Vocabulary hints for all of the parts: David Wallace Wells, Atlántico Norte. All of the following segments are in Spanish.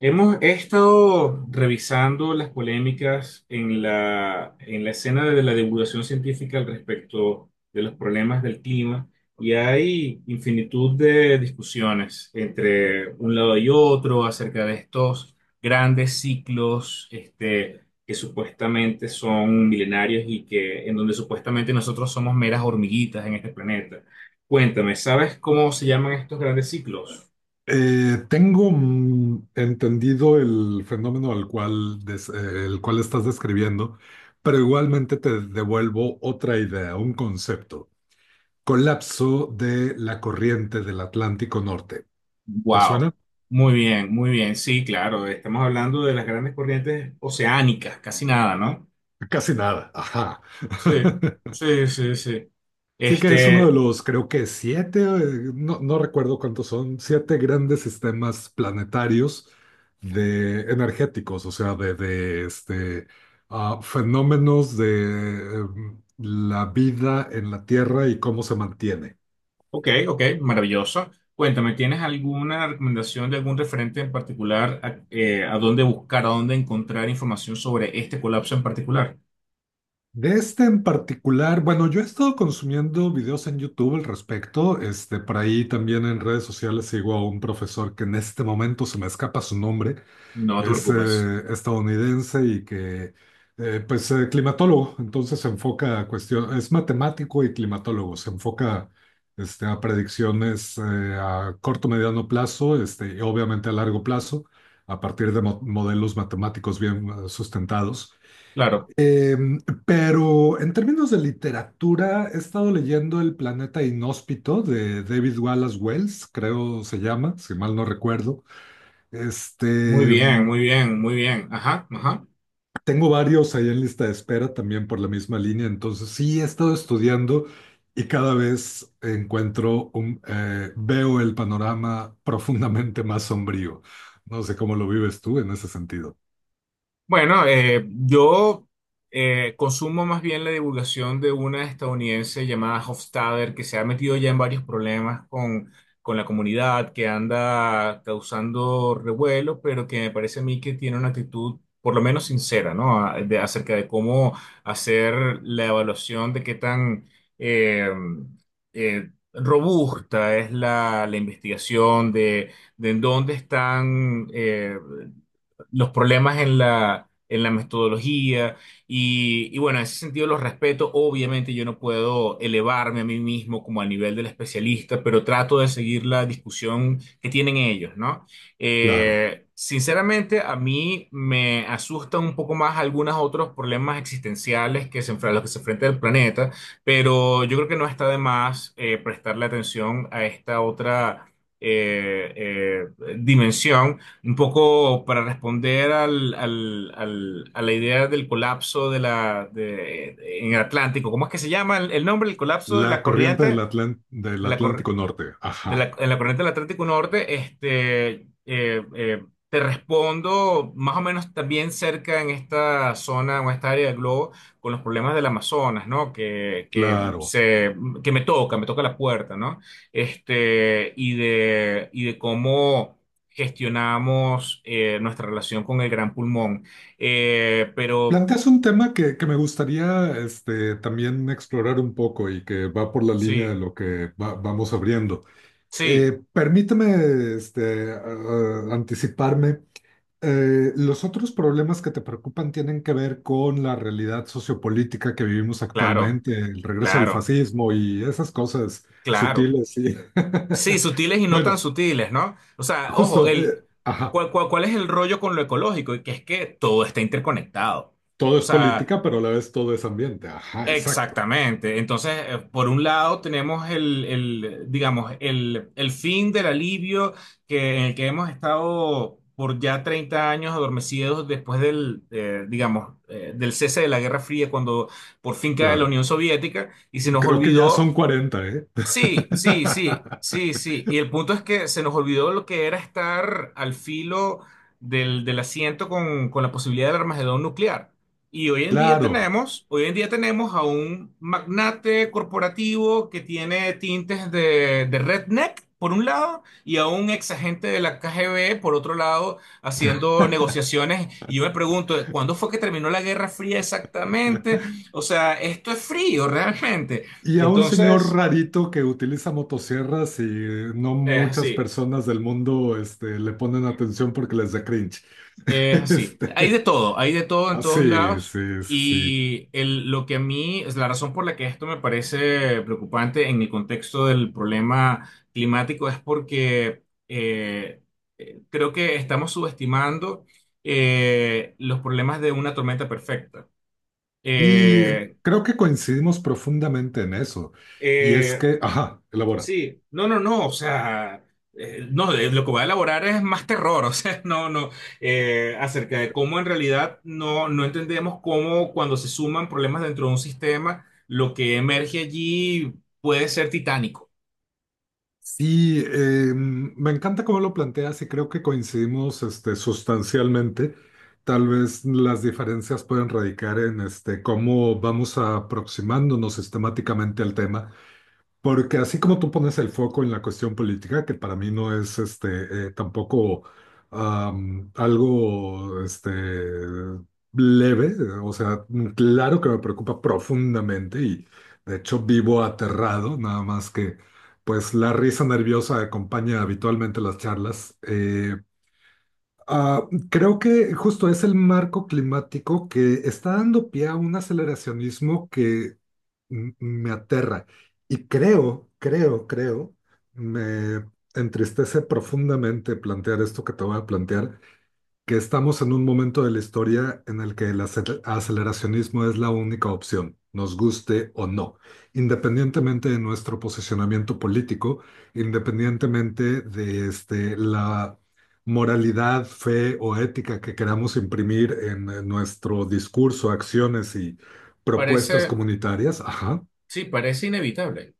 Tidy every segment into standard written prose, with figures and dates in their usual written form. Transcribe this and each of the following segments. Hemos he estado revisando las polémicas en la escena de la divulgación científica al respecto de los problemas del clima, y hay infinitud de discusiones entre un lado y otro acerca de estos grandes ciclos que supuestamente son milenarios y que en donde supuestamente nosotros somos meras hormiguitas en este planeta. Cuéntame, ¿sabes cómo se llaman estos grandes ciclos? Tengo entendido el fenómeno al cual, el cual estás describiendo, pero igualmente te devuelvo otra idea, un concepto. Colapso de la corriente del Atlántico Norte. ¿Te suena? Wow, muy bien, muy bien. Sí, claro, estamos hablando de las grandes corrientes oceánicas, casi nada, ¿no? Casi nada. Ajá. Sí, sí, sí, sí. Sí que es uno de Este, los, creo que siete, no recuerdo cuántos son, siete grandes sistemas planetarios de energéticos, o sea, de este, fenómenos de la vida en la Tierra y cómo se mantiene. ok, ok, maravilloso. Cuéntame, ¿tienes alguna recomendación de algún referente en particular a dónde buscar, a dónde encontrar información sobre este colapso en particular? De este en particular, bueno, yo he estado consumiendo videos en YouTube al respecto, este, por ahí también en redes sociales sigo a un profesor que en este momento se me escapa su nombre, No te es preocupes. Estadounidense y que, climatólogo, entonces se enfoca a cuestión, es matemático y climatólogo, se enfoca este, a predicciones a corto, mediano plazo, este, y obviamente a largo plazo, a partir de modelos matemáticos bien sustentados. Claro, Em, pero en términos de literatura, he estado leyendo El planeta inhóspito de David Wallace Wells, creo se llama, si mal no recuerdo. Este, muy bien, em, muy bien, muy bien. Ajá, ajá. tengo varios ahí en lista de espera también por la misma línea, entonces sí he estado estudiando y cada vez encuentro, veo el panorama profundamente más sombrío. No sé cómo lo vives tú en ese sentido. Bueno, yo consumo más bien la divulgación de una estadounidense llamada Hofstadter, que se ha metido ya en varios problemas con la comunidad, que anda causando revuelo, pero que me parece a mí que tiene una actitud por lo menos sincera, ¿no? Acerca de cómo hacer la evaluación de qué tan eh, robusta es la investigación, de en dónde están los problemas en la metodología. Y, y bueno, en ese sentido los respeto. Obviamente yo no puedo elevarme a mí mismo como al nivel del especialista, pero trato de seguir la discusión que tienen ellos, ¿no? Claro, Sinceramente, a mí me asustan un poco más algunos otros problemas existenciales a los que se enfrenta el planeta, pero yo creo que no está de más prestarle atención a esta otra eh, eh, dimensión, un poco para responder a la idea del colapso de en el Atlántico. ¿Cómo es que se llama el nombre? El colapso de la la corriente corriente del Atlántico Norte. de Ajá, la, en la corriente del Atlántico Norte. Eh, eh, Te respondo más o menos también cerca en esta zona o esta área del globo con los problemas del Amazonas, ¿no? Claro. Que me toca la puerta, ¿no? Este, y de cómo gestionamos nuestra relación con el gran pulmón. Pero Planteas un tema que me gustaría este, también explorar un poco y que va por la línea de sí, lo que vamos abriendo. sí, Permíteme este, anticiparme. Los otros problemas que te preocupan tienen que ver con la realidad sociopolítica que vivimos claro, actualmente, el regreso del claro, fascismo y esas cosas claro. sutiles. Sí, sutiles y no tan Bueno, sutiles, ¿no? O sea, ojo, justo, ajá, ¿cuál, cuál, cuál es el rollo con lo ecológico? Y que es que todo está interconectado. todo O es sea, política, pero a la vez todo es ambiente. Ajá, exacto, exactamente. Entonces, por un lado tenemos digamos, el fin del alivio en el que hemos estado por ya 30 años adormecidos después del, digamos, del cese de la Guerra Fría, cuando por fin cae la claro. Unión Soviética y se nos Creo que ya son olvidó. 40, ¿eh? Sí, sí, sí, sí, sí. Y el punto es que se nos olvidó lo que era estar al filo del asiento con la posibilidad del armagedón nuclear. Y hoy en día Claro. tenemos, hoy en día tenemos a un magnate corporativo que tiene tintes de redneck, por un lado, y a un ex agente de la KGB, por otro lado, haciendo negociaciones. Y yo me pregunto, ¿cuándo fue que terminó la Guerra Fría exactamente? O sea, esto es frío realmente. Y a un señor Entonces... rarito que utiliza motosierras y no Es muchas así, personas del mundo este, le ponen atención porque les da cringe. es así. Este, Hay de todo en ah, todos sí, lados. sí, sí. Sí. Lo que a mí es la razón por la que esto me parece preocupante en el contexto del problema climático es porque eh, creo que estamos subestimando los problemas de una tormenta perfecta. Y Eh, creo que coincidimos profundamente en eso. Y es eh, que, ajá, elabora. Sí, no, no, no. O sea, no, lo que voy a elaborar es más terror, o sea, no, no, acerca de cómo en realidad no, no entendemos cómo, cuando se suman problemas dentro de un sistema, lo que emerge allí puede ser titánico. Sí, me encanta cómo lo planteas y creo que coincidimos este, sustancialmente. Tal vez las diferencias pueden radicar en este, cómo vamos aproximándonos sistemáticamente al tema. Porque así como tú pones el foco en la cuestión política, que para mí no es este tampoco algo este leve, o sea, claro que me preocupa profundamente y de hecho vivo aterrado, nada más que pues la risa nerviosa acompaña habitualmente las charlas. Creo que justo es el marco climático que está dando pie a un aceleracionismo que me aterra y creo, me entristece profundamente plantear esto que te voy a plantear, que estamos en un momento de la historia en el que el aceleracionismo es la única opción, nos guste o no, independientemente de nuestro posicionamiento político, independientemente de este, la moralidad, fe o ética que queramos imprimir en, nuestro discurso, acciones y propuestas Parece, comunitarias. Ajá, sí, parece inevitable.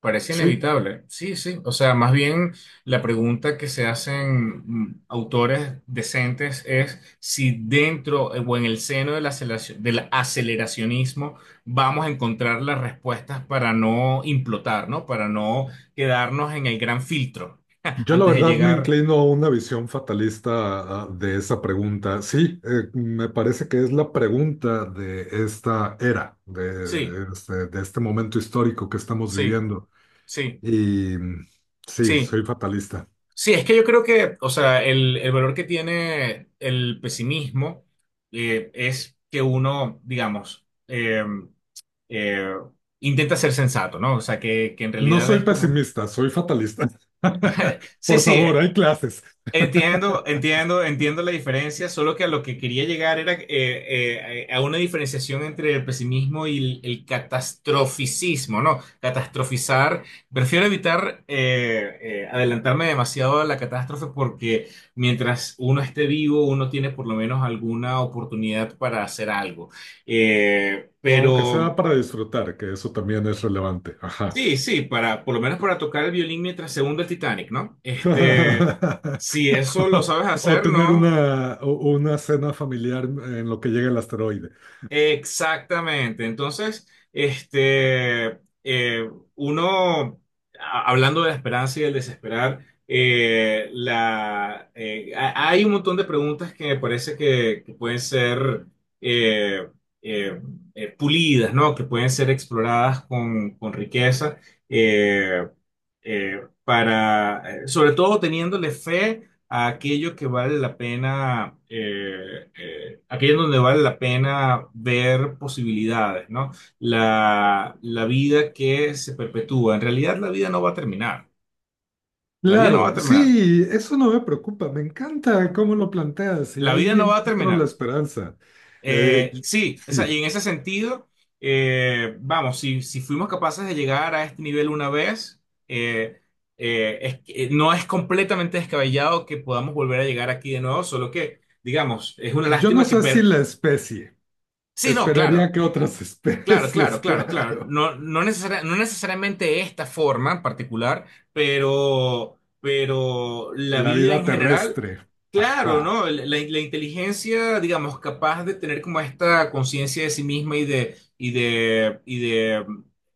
Parece sí. inevitable. Sí, sí. O sea, más bien la pregunta que se hacen autores decentes es si dentro, o en el seno del aceleracionismo, vamos a encontrar las respuestas para no implotar, ¿no? Para no quedarnos en el gran filtro Yo la antes de verdad me llegar. inclino a una visión fatalista de esa pregunta. Sí, me parece que es la pregunta de esta era, Sí, de este momento histórico que estamos sí, viviendo. sí, Y mm, sí, sí. soy fatalista. Sí, es que yo creo que, o sea, el valor que tiene el pesimismo, es que uno, digamos, eh, intenta ser sensato, ¿no? O sea, que en No realidad soy es como, pesimista, soy fatalista. sí, Por sí, favor, hay clases. entiendo, entiendo, entiendo la diferencia, solo que a lo que quería llegar era a una diferenciación entre el pesimismo y el catastroficismo, ¿no? Catastrofizar, prefiero evitar adelantarme demasiado a la catástrofe, porque mientras uno esté vivo, uno tiene por lo menos alguna oportunidad para hacer algo. O aunque Pero... sea para disfrutar, que eso también es relevante. Ajá. Sí, sí, para, por lo menos para tocar el violín mientras se hunde el Titanic, ¿no? Este, si eso lo sabes O hacer, tener ¿no? una, una cena familiar en lo que llega el asteroide. Exactamente. Entonces, uno, hablando de la esperanza y del desesperar, hay un montón de preguntas que me parece que pueden ser eh, eh, pulidas, ¿no? Que pueden ser exploradas con riqueza, eh, para, sobre todo teniéndole fe a aquello que vale la pena, aquello donde vale la pena ver posibilidades, ¿no? La vida que se perpetúa. En realidad la vida no va a terminar. La vida no va a Claro, terminar. sí, eso no me preocupa, me encanta cómo lo planteas y La vida ahí no va a encuentro terminar. la esperanza. Eh, y- Sí, o sea, sí, y en ese sentido, vamos, si fuimos capaces de llegar a este nivel una vez, eh, no es completamente descabellado que podamos volver a llegar aquí de nuevo, solo que, digamos, es una yo no lástima sé si la especie, sí, no, esperaría claro. que otras Claro, especies, claro, claro, claro. claro, No necesariamente esta forma en particular, pero la la vida vida en general, terrestre, claro, ajá. ¿no? La inteligencia, digamos, capaz de tener como esta conciencia de sí misma y de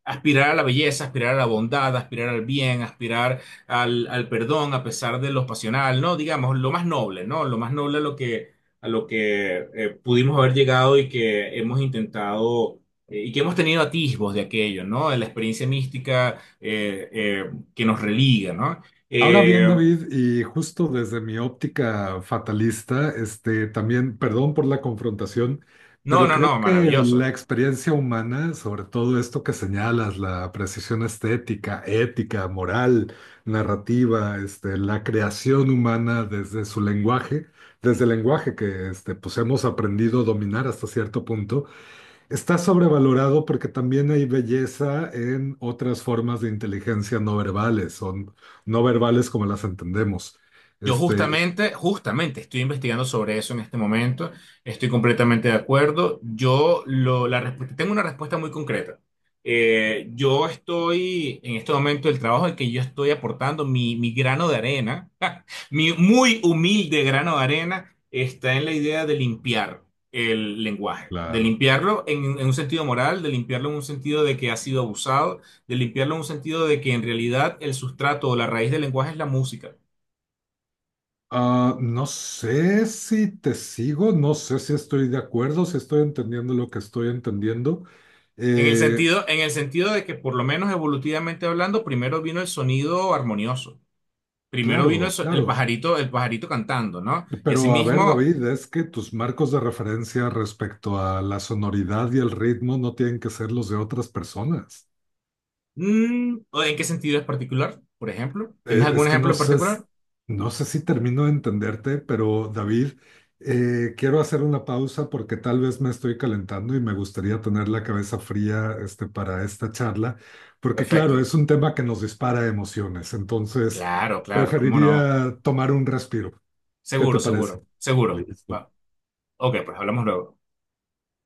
aspirar a la belleza, aspirar a la bondad, aspirar al bien, aspirar al perdón, a pesar de lo pasional, ¿no? Digamos, lo más noble, ¿no? Lo más noble a lo a lo que pudimos haber llegado y que hemos intentado, y que hemos tenido atisbos de aquello, ¿no? De la experiencia mística, eh, eh, que nos religa, ¿no? Ahora bien, Eh, David, y justo desde mi óptica fatalista, este, también, perdón por la confrontación, no, pero no, no, creo que la maravilloso. experiencia humana, sobre todo esto que señalas, la precisión estética, ética, moral, narrativa, este, la creación humana desde su lenguaje, desde el lenguaje que este, pues hemos aprendido a dominar hasta cierto punto, está sobrevalorado porque también hay belleza en otras formas de inteligencia no verbales, son no verbales como las entendemos. Yo Este, justamente, justamente estoy investigando sobre eso en este momento, estoy completamente de acuerdo. Yo lo, la, resp- Tengo una respuesta muy concreta. Yo estoy, en este momento, el trabajo en que yo estoy aportando mi grano de arena, mi muy humilde grano de arena, está en la idea de limpiar el lenguaje, de claro. limpiarlo en un sentido moral, de limpiarlo en un sentido de que ha sido abusado, de limpiarlo en un sentido de que en realidad el sustrato o la raíz del lenguaje es la música. Ah, no sé si te sigo, no sé si estoy de acuerdo, si estoy entendiendo lo que estoy entendiendo. Eh, En el sentido de que por lo menos evolutivamente hablando, primero vino el sonido armonioso, primero vino claro, claro. El pajarito cantando, ¿no? Y Pero a ver, asimismo, David, es que tus marcos de referencia respecto a la sonoridad y el ritmo no tienen que ser los de otras personas. mm, ¿en qué sentido es particular? Por ejemplo, ¿tienes algún Es que ejemplo no en sé, particular? no sé si termino de entenderte, pero David, quiero hacer una pausa porque tal vez me estoy calentando y me gustaría tener la cabeza fría, este, para esta charla, porque claro, Perfecto. es un tema que nos dispara emociones, entonces Claro, claro, cómo no. preferiría tomar un respiro. ¿Qué te Seguro, parece? seguro, seguro. Va. Listo. Ok, pues hablamos luego.